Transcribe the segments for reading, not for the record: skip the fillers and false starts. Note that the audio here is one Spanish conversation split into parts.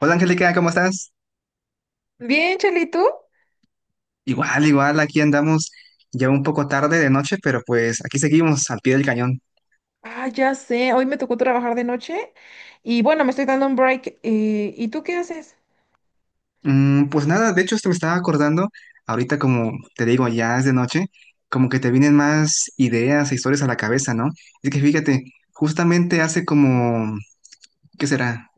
Hola Angélica, ¿cómo estás? Bien, Cheli, ¿tú? Igual, igual, aquí andamos ya un poco tarde de noche, pero pues aquí seguimos al pie del cañón. Ah, ya sé, hoy me tocó trabajar de noche y bueno, me estoy dando un break. ¿Y tú qué haces? Pues nada, de hecho, esto me estaba acordando, ahorita como te digo, ya es de noche, como que te vienen más ideas e historias a la cabeza, ¿no? Es que fíjate, justamente hace como, ¿qué será?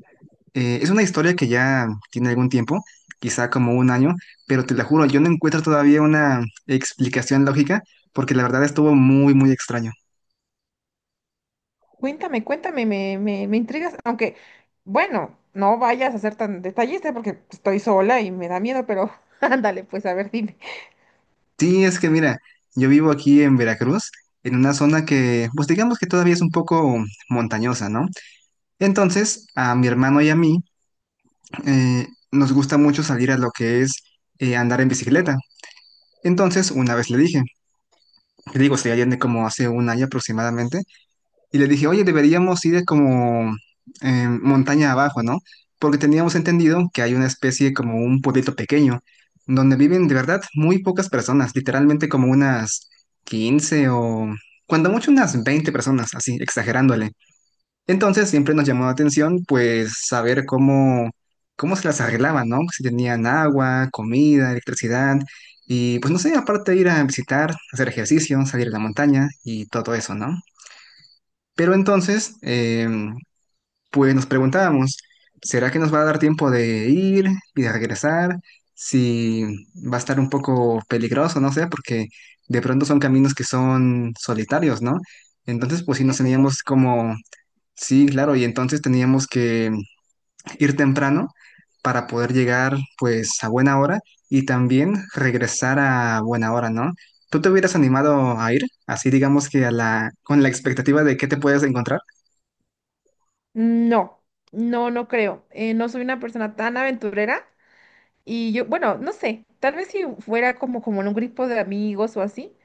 Es una historia que ya tiene algún tiempo, quizá como un año, pero te la juro, yo no encuentro todavía una explicación lógica, porque la verdad estuvo muy, muy extraño. Cuéntame, cuéntame, me intrigas, aunque bueno, no vayas a ser tan detallista porque estoy sola y me da miedo, pero ándale, pues a ver, dime. Sí, es que mira, yo vivo aquí en Veracruz, en una zona que, pues digamos que todavía es un poco montañosa, ¿no? Entonces, a mi hermano y a mí nos gusta mucho salir a lo que es andar en bicicleta. Entonces, una vez le dije, le digo, se allende como hace un año aproximadamente, y les dije, oye, deberíamos ir como montaña abajo, ¿no? Porque teníamos entendido que hay una especie como un pueblito pequeño, donde viven de verdad muy pocas personas, literalmente como unas 15 o cuando mucho unas 20 personas, así, exagerándole. Entonces siempre nos llamó la atención pues saber cómo, cómo se las arreglaban, ¿no? Si tenían agua, comida, electricidad y pues no sé, aparte ir a visitar, hacer ejercicio, salir a la montaña y todo eso, ¿no? Pero entonces, pues nos preguntábamos, ¿será que nos va a dar tiempo de ir y de regresar? Si va a estar un poco peligroso, no sé, porque de pronto son caminos que son solitarios, ¿no? Entonces, pues sí Sí, nos sí, sí. teníamos como, sí, claro, y entonces teníamos que ir temprano para poder llegar pues a buena hora y también regresar a buena hora, ¿no? ¿Tú te hubieras animado a ir? Así digamos que a la, con la expectativa de qué te puedes encontrar. No, no, no creo. No soy una persona tan aventurera y yo, bueno, no sé, tal vez si fuera como, como en un grupo de amigos o así.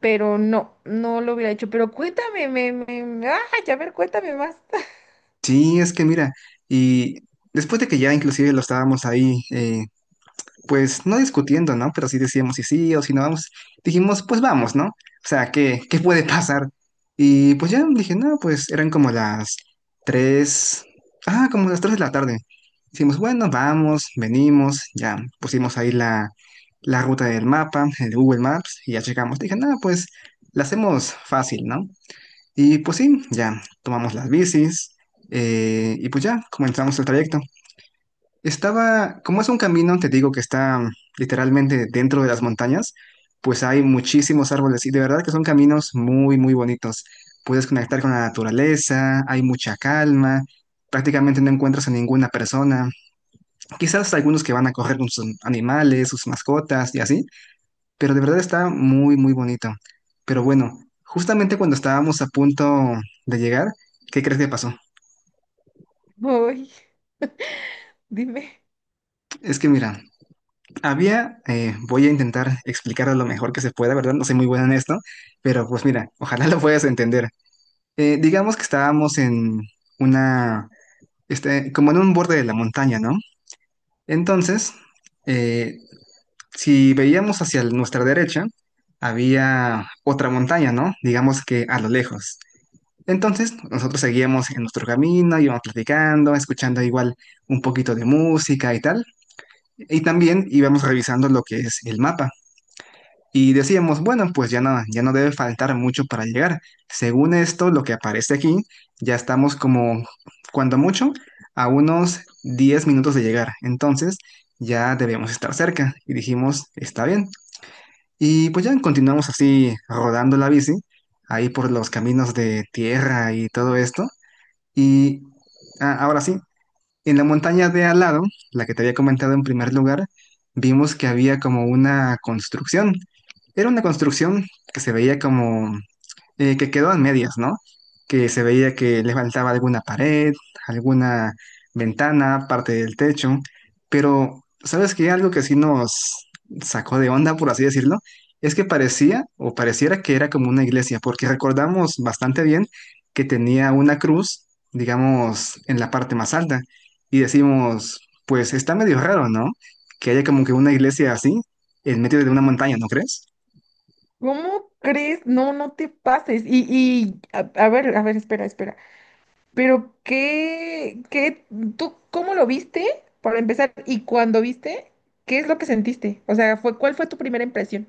Pero no, no lo hubiera hecho. Pero cuéntame, ay, a ver, cuéntame más. Sí, es que mira, y después de que ya inclusive lo estábamos ahí, pues no discutiendo, ¿no? Pero sí decíamos si sí o si no vamos, dijimos, pues vamos, ¿no? O sea, ¿qué, qué puede pasar? Y pues ya dije, no, pues eran tres, como las 3 de la tarde. Dijimos, bueno, vamos, venimos, ya pusimos ahí la, la ruta del mapa, el Google Maps, y ya llegamos. Dije, no, pues la hacemos fácil, ¿no? Y pues sí, ya tomamos las bicis y pues ya comenzamos el trayecto. Estaba, como es un camino, te digo que está literalmente dentro de las montañas, pues hay muchísimos árboles y de verdad que son caminos muy, muy bonitos. Puedes conectar con la naturaleza, hay mucha calma, prácticamente no encuentras a ninguna persona. Quizás algunos que van a correr con sus animales, sus mascotas y así, pero de verdad está muy, muy bonito. Pero bueno, justamente cuando estábamos a punto de llegar, ¿qué crees que pasó? Ay, dime, Es que mira, había, voy a intentar explicarlo lo mejor que se pueda, ¿verdad? No soy muy bueno en esto, pero pues mira, ojalá lo puedas entender. Digamos que estábamos en una, este, como en un borde de la montaña, ¿no? Entonces, eh, si veíamos hacia nuestra derecha, había otra montaña, ¿no? Digamos que a lo lejos. Entonces, nosotros seguíamos en nuestro camino, íbamos platicando, escuchando igual un poquito de música y tal. Y también íbamos revisando lo que es el mapa. Y decíamos, bueno, pues ya no, ya no debe faltar mucho para llegar. Según esto, lo que aparece aquí, ya estamos como, cuando mucho, a unos 10 minutos de llegar. Entonces, ya debemos estar cerca. Y dijimos, está bien. Y pues ya continuamos así rodando la bici, ahí por los caminos de tierra y todo esto. Y ah, ahora sí, en la montaña de al lado, la que te había comentado en primer lugar, vimos que había como una construcción. Era una construcción que se veía como que quedó a medias, ¿no? Que se veía que le faltaba alguna pared, alguna ventana, parte del techo, pero ¿sabes qué? Algo que sí nos sacó de onda, por así decirlo, es que parecía o pareciera que era como una iglesia, porque recordamos bastante bien que tenía una cruz, digamos, en la parte más alta, y decimos, pues está medio raro, ¿no? Que haya como que una iglesia así en medio de una montaña, ¿no crees? ¿cómo crees? No, no te pases. Y a ver, espera, espera. Pero ¿tú cómo lo viste? Para empezar, y cuando viste, ¿qué es lo que sentiste? O sea, fue, ¿cuál fue tu primera impresión?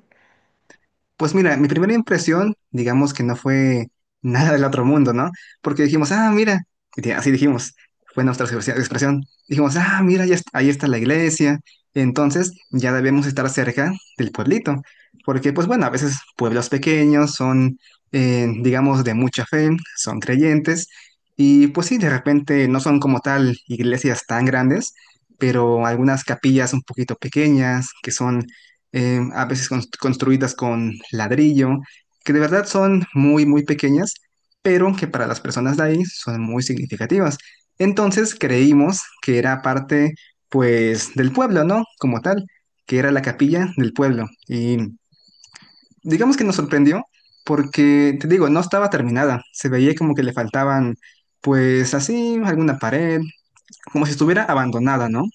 Pues mira, mi primera impresión, digamos que no fue nada del otro mundo, ¿no? Porque dijimos, ah, mira, y así dijimos, fue nuestra expresión. Dijimos, ah, mira, ahí está la iglesia, entonces ya debemos estar cerca del pueblito, porque pues bueno, a veces pueblos pequeños son, digamos, de mucha fe, son creyentes, y pues sí, de repente no son como tal iglesias tan grandes, pero algunas capillas un poquito pequeñas, que son a veces construidas con ladrillo, que de verdad son muy, muy pequeñas, pero que para las personas de ahí son muy significativas. Entonces creímos que era parte, pues, del pueblo, ¿no? Como tal, que era la capilla del pueblo. Y digamos que nos sorprendió porque, te digo, no estaba terminada, se veía como que le faltaban, pues, así, alguna pared, como si estuviera abandonada, ¿no?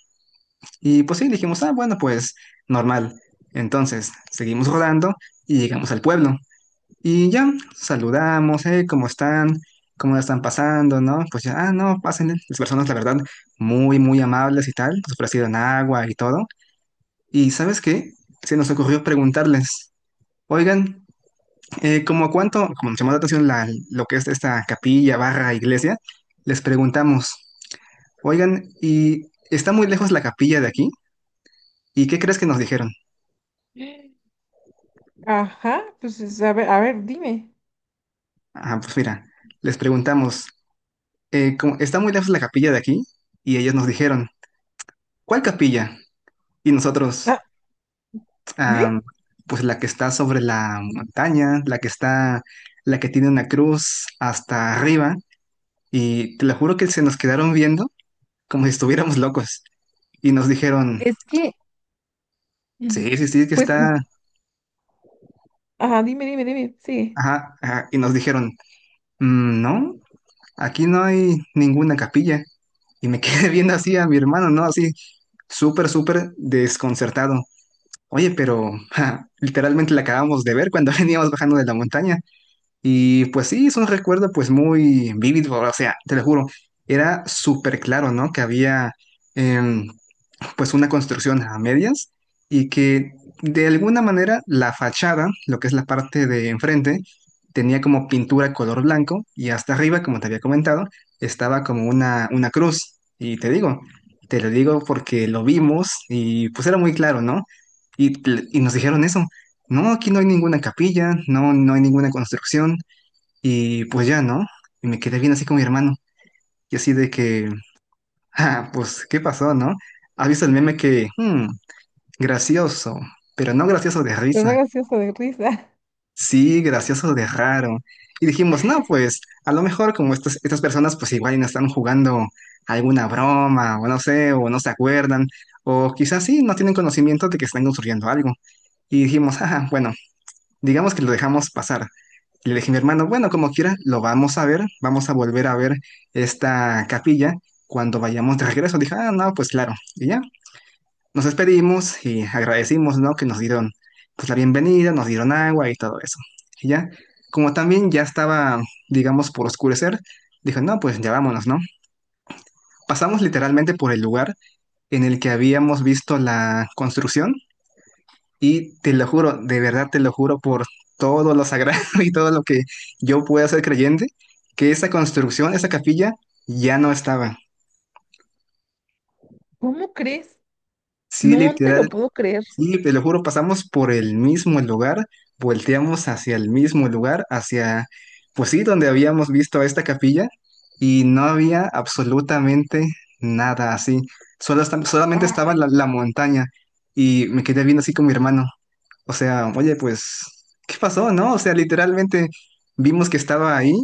Y pues sí, dijimos, ah, bueno, pues normal. Entonces, seguimos rodando y llegamos al pueblo. Y ya, saludamos, ¿cómo están? ¿Cómo la están pasando? ¿No? Pues ya, ah, no, pasen. Las personas, la verdad, muy, muy amables y tal. Nos ofrecieron agua y todo. Y ¿sabes qué? Se nos ocurrió preguntarles, oigan, ¿cómo cuánto, como nos llamó la atención lo que es esta capilla, barra, iglesia, les preguntamos, oigan, ¿y está muy lejos la capilla de aquí? ¿Y qué crees que nos dijeron? Ajá, pues es- a ver, dime. Ah, pues mira, les preguntamos, está muy lejos la capilla de aquí y ellos nos dijeron, ¿cuál capilla? Y nosotros, Ah, ¿eh? ah, pues la que está sobre la montaña, la que está, la que tiene una cruz hasta arriba y te lo juro que se nos quedaron viendo como si estuviéramos locos y nos dijeron, Es que, mm, sí, sí, sí, que pues, está, mm, ajá, dime, dime, dime, sí, ajá, ajá, y nos dijeron, Mm, no, aquí no hay ninguna capilla. Y me quedé viendo así a mi hermano, ¿no? Así, súper, súper desconcertado. Oye, pero ja, literalmente la acabamos de ver cuando veníamos bajando de la montaña. Y pues sí, es un recuerdo pues muy vívido, o sea, te lo juro, era súper claro, ¿no? Que había... em, pues una construcción a medias y que de alguna manera la fachada, lo que es la parte de enfrente, tenía como pintura color blanco y hasta arriba, como te había comentado, estaba como una cruz. Y te digo, te lo digo porque lo vimos y pues era muy claro, ¿no? Y, y nos dijeron eso, no, aquí no hay ninguna capilla, no, no hay ninguna construcción y pues ya, ¿no? Y me quedé bien así con mi hermano y así de que, ah, pues, ¿qué pasó, no? ¿Has visto el meme que, gracioso, pero no gracioso de pero no risa, gracioso de risa. sí, gracioso de raro. Y dijimos, no, pues a lo mejor como estas, estas personas pues igual y no están jugando alguna broma, o no sé, o no se acuerdan, o quizás sí, no tienen conocimiento de que están construyendo algo. Y dijimos, ajá, bueno, digamos que lo dejamos pasar. Y le dije a mi hermano, bueno, como quiera, lo vamos a ver, vamos a volver a ver esta capilla cuando vayamos de regreso. Dije, ah, no, pues claro. Y ya, nos despedimos y agradecimos, ¿no? Que nos dieron pues la bienvenida, nos dieron agua y todo eso. Y ya, como también ya estaba, digamos, por oscurecer, dijo, no, pues ya vámonos, ¿no? Pasamos literalmente por el lugar en el que habíamos visto la construcción y te lo juro, de verdad te lo juro por todo lo sagrado y todo lo que yo pueda ser creyente, que esa construcción, esa capilla, ya no estaba. ¿Cómo crees? Sí, No te literal. lo puedo creer. Sí, te lo juro, pasamos por el mismo lugar, volteamos hacia el mismo lugar, hacia, pues sí, donde habíamos visto a esta capilla, y no había absolutamente nada así. Solamente estaba Ay, la, la montaña, y me quedé viendo así con mi hermano. O sea, oye, pues, ¿qué pasó, no? O sea, literalmente vimos que estaba ahí,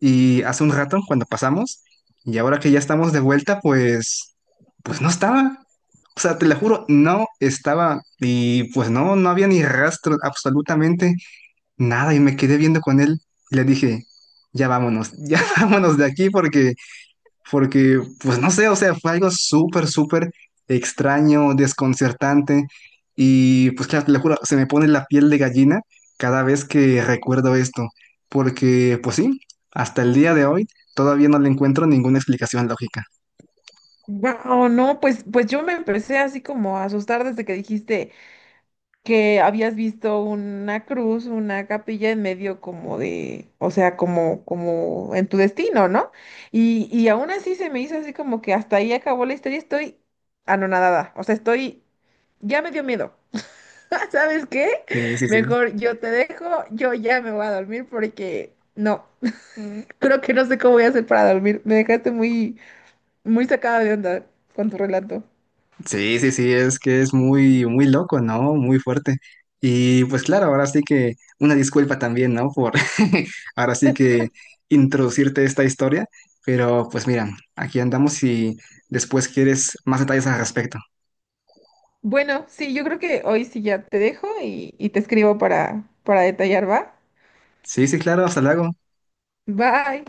y hace un rato, cuando pasamos, y ahora que ya estamos de vuelta, pues, pues no estaba. O sea, te lo juro, no estaba. Y pues no, no había ni rastro, absolutamente nada. Y me quedé viendo con él y le dije, ya vámonos, ya vámonos de aquí porque pues no sé, o sea, fue algo súper, súper extraño, desconcertante, y pues claro, te lo juro, se me pone la piel de gallina cada vez que recuerdo esto, porque, pues sí, hasta el día de hoy todavía no le encuentro ninguna explicación lógica. wow, no, pues, pues yo me empecé así como a asustar desde que dijiste que habías visto una cruz, una capilla en medio como de, o sea, como, como en tu destino, ¿no? Y y aún así se me hizo así como que hasta ahí acabó la historia, estoy anonadada, o sea, estoy, ya me dio miedo. ¿Sabes qué? Sí, sí, sí. Mejor yo te dejo, yo ya me voy a dormir porque no. Creo que no sé cómo voy a hacer para dormir. Me dejaste muy, muy sacada de onda con tu relato. Sí, sí, sí, es que es muy, muy loco, ¿no? Muy fuerte. Y pues claro, ahora sí que una disculpa también, ¿no? Por ahora sí que introducirte esta historia, pero pues mira, aquí andamos y después quieres más detalles al respecto. Bueno, sí, yo creo que hoy sí ya te dejo y te escribo para detallar, ¿va? Sí, sí, claro, hasta luego. Bye.